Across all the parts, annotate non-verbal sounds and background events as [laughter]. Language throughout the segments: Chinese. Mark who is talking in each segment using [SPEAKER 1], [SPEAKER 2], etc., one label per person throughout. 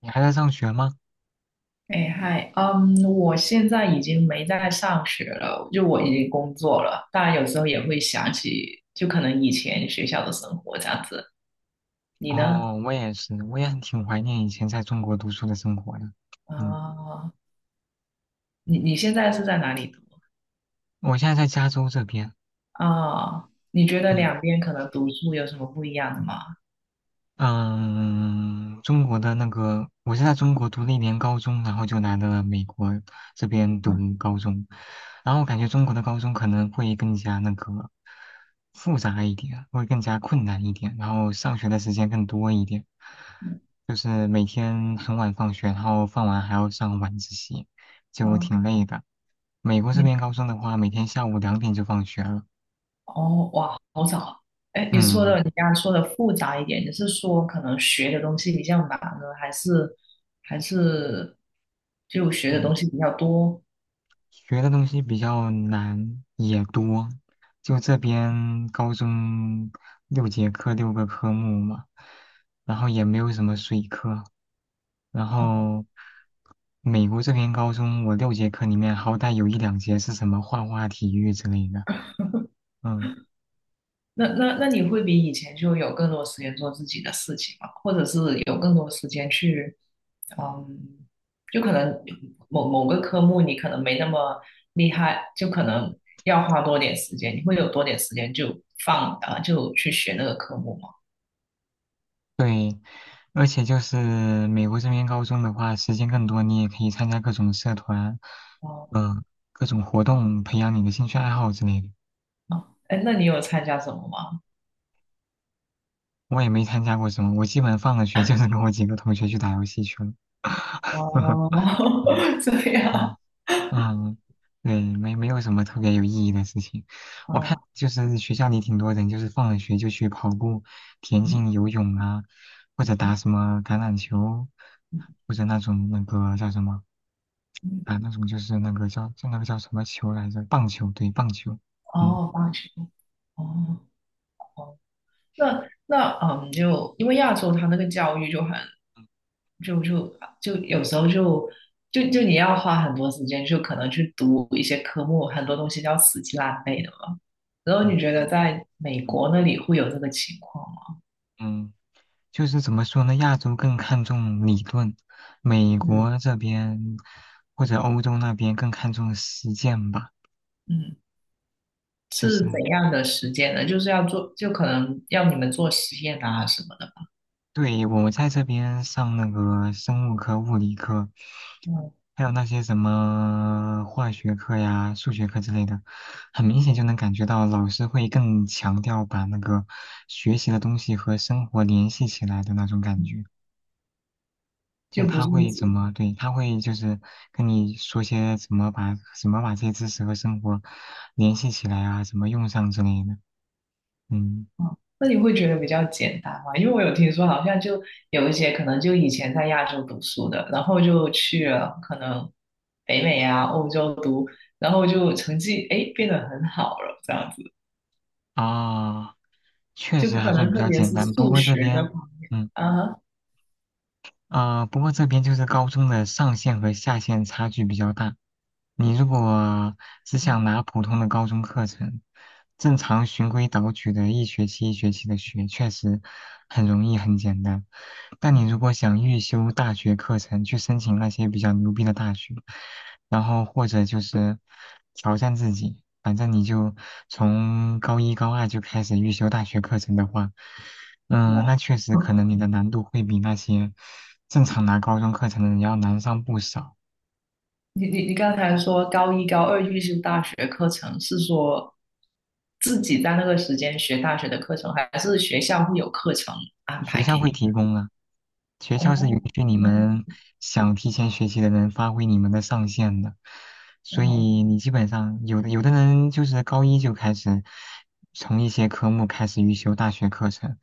[SPEAKER 1] 你还在上学吗？
[SPEAKER 2] 哎嗨，嗯，我现在已经没在上学了，就我已经工作了。当然，有时候也会想起，就可能以前学校的生活这样子。你呢？
[SPEAKER 1] 哦，我也是，我也很挺怀念以前在中国读书的生活的。嗯，
[SPEAKER 2] 啊、你现在是在哪里读？
[SPEAKER 1] 我现在在加州这边。
[SPEAKER 2] 啊、你觉得
[SPEAKER 1] 嗯。
[SPEAKER 2] 两边可能读书有什么不一样的吗？
[SPEAKER 1] 嗯，中国的那个，我是在中国读了一年高中，然后就来了美国这边
[SPEAKER 2] 啊，
[SPEAKER 1] 读高中，然后我感觉中国的高中可能会更加那个复杂一点，会更加困难一点，然后上学的时间更多一点，
[SPEAKER 2] 嗯，
[SPEAKER 1] 就是每天很晚放学，然后放完还要上晚自习，就
[SPEAKER 2] 嗯
[SPEAKER 1] 挺累的。美国这
[SPEAKER 2] 你
[SPEAKER 1] 边高中的话，每天下午2点就放学了。
[SPEAKER 2] 哦，哇，好早。哎，你说
[SPEAKER 1] 嗯
[SPEAKER 2] 的，你刚刚说的复杂一点，你是说可能学的东西比较难呢，还是就学的
[SPEAKER 1] 嗯。
[SPEAKER 2] 东西比较多？
[SPEAKER 1] 学的东西比较难也多，就这边高中六节课六个科目嘛，然后也没有什么水课，然
[SPEAKER 2] 哦
[SPEAKER 1] 后美国这边高中我六节课里面好歹有一两节是什么画画、体育之类的，嗯，
[SPEAKER 2] 那你会比以前就有更多时间做自己的事情吗？或者是有更多时间去，嗯，就可能某某个科目你可能没那么厉害，就可能要花多点时间，你会有多点时间就放啊，就去学那个科目吗？
[SPEAKER 1] 对，而且就是美国这边高中的话，时间更多，你也可以参加各种社团，
[SPEAKER 2] 哦，
[SPEAKER 1] 嗯、各种活动，培养你的兴趣爱好之类的。
[SPEAKER 2] 哦哎，那你有参加什么吗？
[SPEAKER 1] 我也没参加过什么，我基本放了学就是跟我几个同学去打游戏去了。
[SPEAKER 2] 哦，
[SPEAKER 1] [laughs] 嗯
[SPEAKER 2] [laughs] 这
[SPEAKER 1] 嗯
[SPEAKER 2] 样
[SPEAKER 1] 嗯，对，没有什么特别有意义的事情。我看
[SPEAKER 2] 啊，
[SPEAKER 1] 就是学校里挺多人，就是放了学就去跑步、田
[SPEAKER 2] 嗯
[SPEAKER 1] 径、游泳啊，或者打什么橄榄球，
[SPEAKER 2] 嗯
[SPEAKER 1] 或者那种那个叫什么
[SPEAKER 2] 嗯，
[SPEAKER 1] 啊，那种就是那个叫那个叫什么球来着？棒球，对，棒球。嗯
[SPEAKER 2] 哦，棒球，哦。那嗯，就因为亚洲它那个教育就很就有时候就你要花很多时间，就可能去读一些科目，很多东西要死记烂背的嘛。然后
[SPEAKER 1] 嗯嗯
[SPEAKER 2] 你觉得在美
[SPEAKER 1] 嗯。
[SPEAKER 2] 国那里会有这个情况吗？
[SPEAKER 1] 嗯就是怎么说呢？亚洲更看重理论，美
[SPEAKER 2] 嗯
[SPEAKER 1] 国这边或者欧洲那边更看重实践吧。
[SPEAKER 2] 嗯，
[SPEAKER 1] 就是
[SPEAKER 2] 是怎样的时间呢？就是要做，就可能要你们做实验啊什么的。
[SPEAKER 1] 对我在这边上那个生物课、物理课，
[SPEAKER 2] 嗯
[SPEAKER 1] 还有那些什么化学课呀、数学课之类的，很明显就能感觉到老师会更强调把那个学习的东西和生活联系起来的那种感
[SPEAKER 2] 嗯，
[SPEAKER 1] 觉。就
[SPEAKER 2] 就不
[SPEAKER 1] 他
[SPEAKER 2] 是。
[SPEAKER 1] 会怎么，对，他会就是跟你说些怎么把这些知识和生活联系起来啊，怎么用上之类的。嗯，
[SPEAKER 2] 哦，那你会觉得比较简单吗？因为我有听说，好像就有一些可能就以前在亚洲读书的，然后就去了可能北美啊、欧洲读，然后就成绩哎变得很好了，这样子，
[SPEAKER 1] 啊，确
[SPEAKER 2] 就
[SPEAKER 1] 实还
[SPEAKER 2] 可
[SPEAKER 1] 算
[SPEAKER 2] 能
[SPEAKER 1] 比
[SPEAKER 2] 特
[SPEAKER 1] 较
[SPEAKER 2] 别
[SPEAKER 1] 简
[SPEAKER 2] 是
[SPEAKER 1] 单，不
[SPEAKER 2] 数
[SPEAKER 1] 过这
[SPEAKER 2] 学的
[SPEAKER 1] 边，
[SPEAKER 2] 话
[SPEAKER 1] 嗯。
[SPEAKER 2] 啊，
[SPEAKER 1] 啊、不过这边就是高中的上限和下限差距比较大。你如果只想拿普通的高中课程，正常循规蹈矩的一学期一学期的学，确实很容易很简单。但你如果想预修大学课程，去申请那些比较牛逼的大学，然后或者就是挑战自己，反正你就从高一高二就开始预修大学课程的话。嗯，
[SPEAKER 2] 哇，
[SPEAKER 1] 那确实可能你
[SPEAKER 2] [laughs]
[SPEAKER 1] 的难度会比那些正常拿高中课程的人要难上不少。
[SPEAKER 2] 你刚才说高一高二预修大学课程是说自己在那个时间学大学的课程，还是学校会有课程安
[SPEAKER 1] 学
[SPEAKER 2] 排
[SPEAKER 1] 校
[SPEAKER 2] 给
[SPEAKER 1] 会
[SPEAKER 2] 你？
[SPEAKER 1] 提供啊。学
[SPEAKER 2] 哦
[SPEAKER 1] 校是允许你
[SPEAKER 2] 哦
[SPEAKER 1] 们想提前学习的人发挥你们的上限的，所
[SPEAKER 2] 哦。
[SPEAKER 1] 以你基本上有的人就是高一就开始从一些科目开始预修大学课程，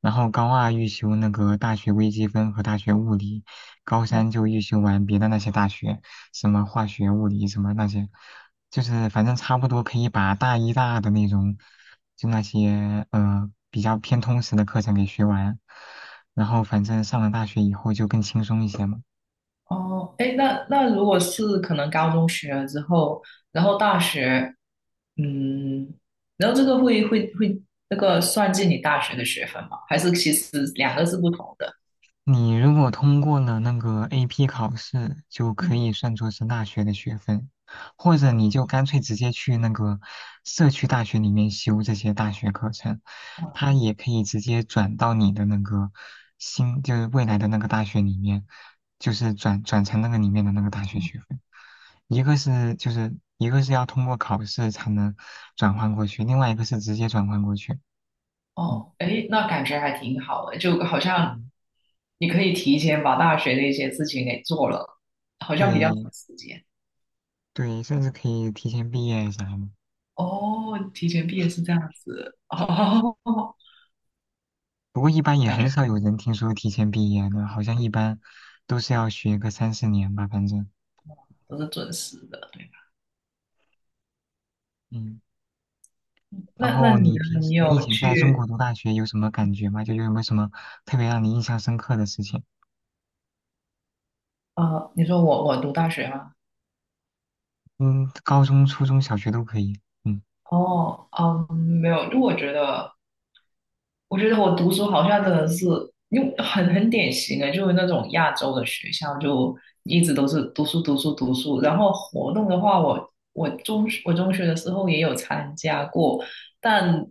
[SPEAKER 1] 然后高二预修那个大学微积分和大学物理，高三就预修完别的那些大学，什么化学、物理什么那些，就是反正差不多可以把大一、大二的那种，就那些比较偏通识的课程给学完。然后反正上了大学以后就更轻松一些嘛。
[SPEAKER 2] 哦，哎，那如果是可能高中学了之后，然后大学，嗯，然后这个会那个算进你大学的学分吗？还是其实两个是不同的？
[SPEAKER 1] 你如果通过了那个 AP 考试，就可
[SPEAKER 2] 嗯，
[SPEAKER 1] 以算作是大学的学分，或者
[SPEAKER 2] 哦，
[SPEAKER 1] 你就干脆直接去那个社区大学里面修这些大学课程，它也可以直接转到你的那个新，就是未来的那个大学里面，就是转成那个里面的那个大学
[SPEAKER 2] 嗯
[SPEAKER 1] 学分。一个是要通过考试才能转换过去，另外一个是直接转换过去。嗯
[SPEAKER 2] 哦，哎，那感觉还挺好的，就好像
[SPEAKER 1] 嗯。
[SPEAKER 2] 你可以提前把大学的一些事情给做了，好像比较
[SPEAKER 1] 对，
[SPEAKER 2] 省时间。
[SPEAKER 1] 对，甚至可以提前毕业啥的。
[SPEAKER 2] 哦，提前毕业是这样子，哦，[laughs]
[SPEAKER 1] 不过一般也
[SPEAKER 2] 感
[SPEAKER 1] 很
[SPEAKER 2] 觉
[SPEAKER 1] 少有人听说提前毕业的，好像一般都是要学个3、4年吧，反正。
[SPEAKER 2] 都是准时的，对吧？
[SPEAKER 1] 嗯，然
[SPEAKER 2] 那
[SPEAKER 1] 后
[SPEAKER 2] 你
[SPEAKER 1] 你平
[SPEAKER 2] 呢？
[SPEAKER 1] 时
[SPEAKER 2] 你
[SPEAKER 1] 你以
[SPEAKER 2] 有
[SPEAKER 1] 前在中
[SPEAKER 2] 去？
[SPEAKER 1] 国读大学有什么感觉吗？就有没有什么特别让你印象深刻的事情？
[SPEAKER 2] 啊，你说我读大学吗？
[SPEAKER 1] 嗯，高中、初中小学都可以。嗯。
[SPEAKER 2] 哦，嗯，没有，就我觉得，我觉得我读书好像真的是，因为很典型的，就是那种亚洲的学校，就一直都是读书读书读书。然后活动的话，我中学的时候也有参加过，但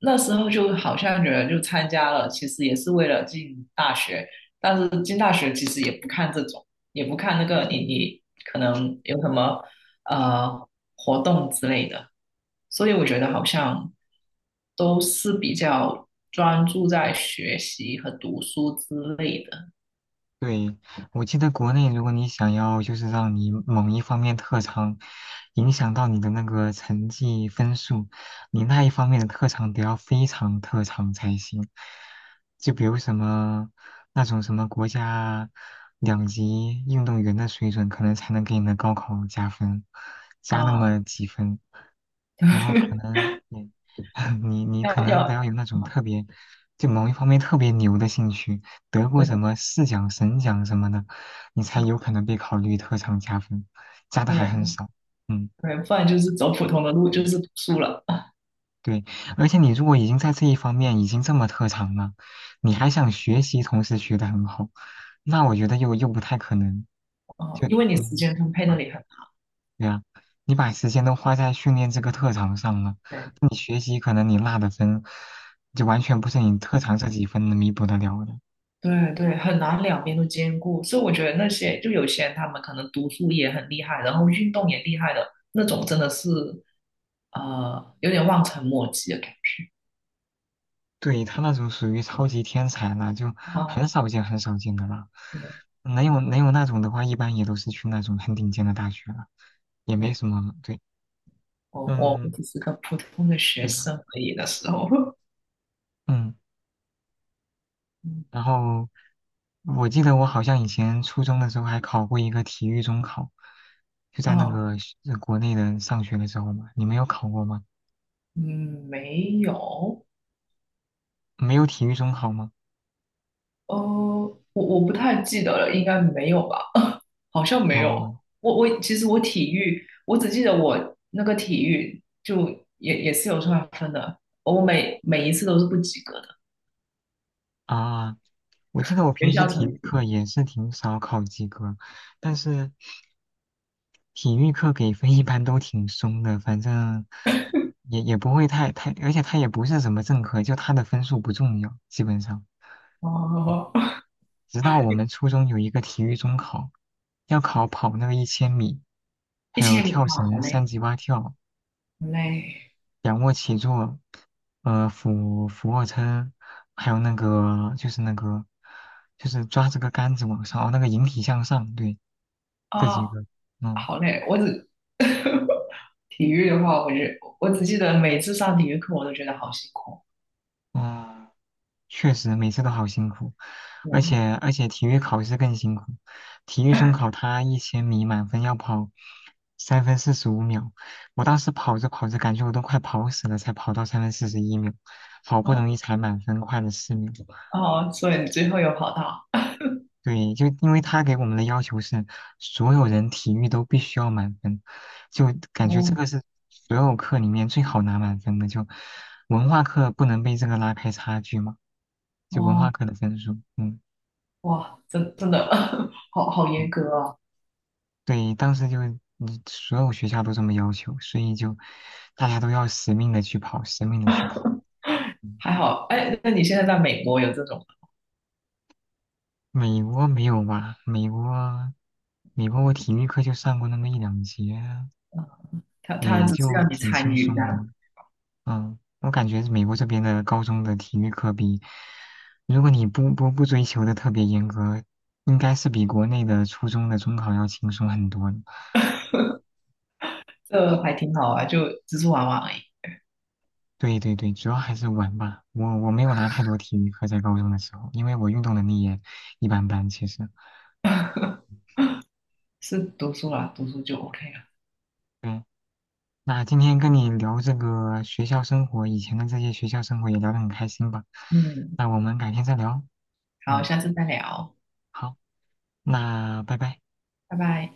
[SPEAKER 2] 那时候就好像觉得就参加了，其实也是为了进大学，但是进大学其实也不看这种，也不看那个你可能有什么呃活动之类的，所以我觉得好像都是比较专注在学习和读书之类的
[SPEAKER 1] 对，我记得国内，如果你想要就是让你某一方面特长影响到你的那个成绩分数，你那一方面的特长得要非常特长才行。就比如什么那种什么国家两级运动员的水准，可能才能给你的高考加分，加那
[SPEAKER 2] 啊，
[SPEAKER 1] 么几分。然后可
[SPEAKER 2] [laughs]
[SPEAKER 1] 能你 [laughs] 你
[SPEAKER 2] 要
[SPEAKER 1] 可
[SPEAKER 2] 要
[SPEAKER 1] 能得
[SPEAKER 2] 啊，
[SPEAKER 1] 要有那种特别，就某一方面特别牛的兴趣，得过什
[SPEAKER 2] 对
[SPEAKER 1] 么市奖、省奖什么的，你才有可能被考虑特长加分，加的还很
[SPEAKER 2] 对
[SPEAKER 1] 少。嗯，
[SPEAKER 2] 对，不然就是走普通的路，就
[SPEAKER 1] 对
[SPEAKER 2] 是读书了
[SPEAKER 1] 对，而且你如果已经在这一方面已经这么特长了，你还想学习，同时学得很好，那我觉得又不太可能，
[SPEAKER 2] 啊，因为你时
[SPEAKER 1] 你
[SPEAKER 2] 间分配那里很好
[SPEAKER 1] 对呀，你把时间都花在训练这个特长上了，
[SPEAKER 2] 对。
[SPEAKER 1] 那你学习可能你落的分，就完全不是你特长这几分能弥补得了的。
[SPEAKER 2] 对对，很难两边都兼顾，所以我觉得那些
[SPEAKER 1] 嗯
[SPEAKER 2] 就有些人他们可能读书也很厉害，然后运动也厉害的那种，真的是有点望尘莫及的感觉
[SPEAKER 1] 对，他那种属于超级天才了，就
[SPEAKER 2] 啊，
[SPEAKER 1] 很
[SPEAKER 2] 啊
[SPEAKER 1] 少见很少见的了。
[SPEAKER 2] 对
[SPEAKER 1] 能有那种的话，一般也都是去那种很顶尖的大学了，也没
[SPEAKER 2] 对，
[SPEAKER 1] 什么。对，
[SPEAKER 2] 我
[SPEAKER 1] 嗯，
[SPEAKER 2] 只是个普通的学
[SPEAKER 1] 对啊，
[SPEAKER 2] 生而已的时候，
[SPEAKER 1] 嗯。
[SPEAKER 2] [laughs] 嗯
[SPEAKER 1] 然后我记得我好像以前初中的时候还考过一个体育中考，就在那
[SPEAKER 2] 哦
[SPEAKER 1] 个国内的上学的时候嘛。你没有考过吗？
[SPEAKER 2] 嗯没有。
[SPEAKER 1] 没有体育中考吗？
[SPEAKER 2] 哦，我不太记得了，应该没有吧？[laughs] 好像没有。
[SPEAKER 1] 哦
[SPEAKER 2] 我其实我体育，我只记得我那个体育就也是有算分的，我每一次都是不及格的，
[SPEAKER 1] 啊，我记得我
[SPEAKER 2] 学
[SPEAKER 1] 平时
[SPEAKER 2] 校
[SPEAKER 1] 体
[SPEAKER 2] 成
[SPEAKER 1] 育
[SPEAKER 2] 绩。
[SPEAKER 1] 课也是挺少考及格，但是体育课给分一般都挺松的，反正也不会太，而且他也不是什么正课，就他的分数不重要，基本上。
[SPEAKER 2] 哦，
[SPEAKER 1] 直到我们初中有一个体育中考，要考跑那个一千米，
[SPEAKER 2] 一
[SPEAKER 1] 还有
[SPEAKER 2] 千米
[SPEAKER 1] 跳
[SPEAKER 2] 哇，好
[SPEAKER 1] 绳、三
[SPEAKER 2] 累，
[SPEAKER 1] 级蛙跳、
[SPEAKER 2] 好累
[SPEAKER 1] 仰卧起坐，俯卧撑，还有那个就是抓这个杆子往上，哦，那个引体向上，对，这几
[SPEAKER 2] 啊，
[SPEAKER 1] 个，嗯
[SPEAKER 2] 好累。我只 [laughs] 体育的话，我只记得每次上体育课我都觉得好辛苦。
[SPEAKER 1] 嗯。确实每次都好辛苦，而
[SPEAKER 2] 对，
[SPEAKER 1] 且而且体育考试更辛苦。体育中考他一千米满分要跑3分45秒，我当时跑着跑着感觉我都快跑死了，才跑到3分41秒，好不
[SPEAKER 2] 哦
[SPEAKER 1] 容易才满分快了4秒。
[SPEAKER 2] 哦，所以你最后有跑到？
[SPEAKER 1] 对，就因为他给我们的要求是所有人体育都必须要满分，就感觉这个
[SPEAKER 2] 哦
[SPEAKER 1] 是所有课里面最好拿满分的，就文化课不能被这个拉开差距嘛，就文化
[SPEAKER 2] 哦。
[SPEAKER 1] 课的分数，嗯。
[SPEAKER 2] 哇，真的 [laughs] 好严
[SPEAKER 1] 嗯
[SPEAKER 2] 格啊！
[SPEAKER 1] 对，当时就你所有学校都这么要求，所以就大家都要死命的去跑，死命的去跑。
[SPEAKER 2] 还好，哎，那你现在在美国有这种吗？
[SPEAKER 1] 美国没有吧？美国，美国我体育课就上过那么一两节，
[SPEAKER 2] 他
[SPEAKER 1] 也
[SPEAKER 2] 只是
[SPEAKER 1] 就
[SPEAKER 2] 让你
[SPEAKER 1] 挺
[SPEAKER 2] 参
[SPEAKER 1] 轻
[SPEAKER 2] 与这
[SPEAKER 1] 松的。
[SPEAKER 2] 样，
[SPEAKER 1] 嗯，我感觉美国这边的高中的体育课比，如果你不不不追求的特别严格，应该是比国内的初中的中考要轻松很多的
[SPEAKER 2] 这还挺好啊，就只是玩玩而已，
[SPEAKER 1] 对对对，主要还是玩吧。我没有拿太多体育课在高中的时候，因为我运动能力也一般般。其实，
[SPEAKER 2] 是读书啦，读书就 OK 了。
[SPEAKER 1] 对，那今天跟你聊这个学校生活，以前的这些学校生活也聊得很开心吧。
[SPEAKER 2] 嗯，
[SPEAKER 1] 那我们改天再聊。
[SPEAKER 2] 好，
[SPEAKER 1] 嗯，
[SPEAKER 2] 下次再聊，
[SPEAKER 1] 好，那拜拜。
[SPEAKER 2] 拜拜。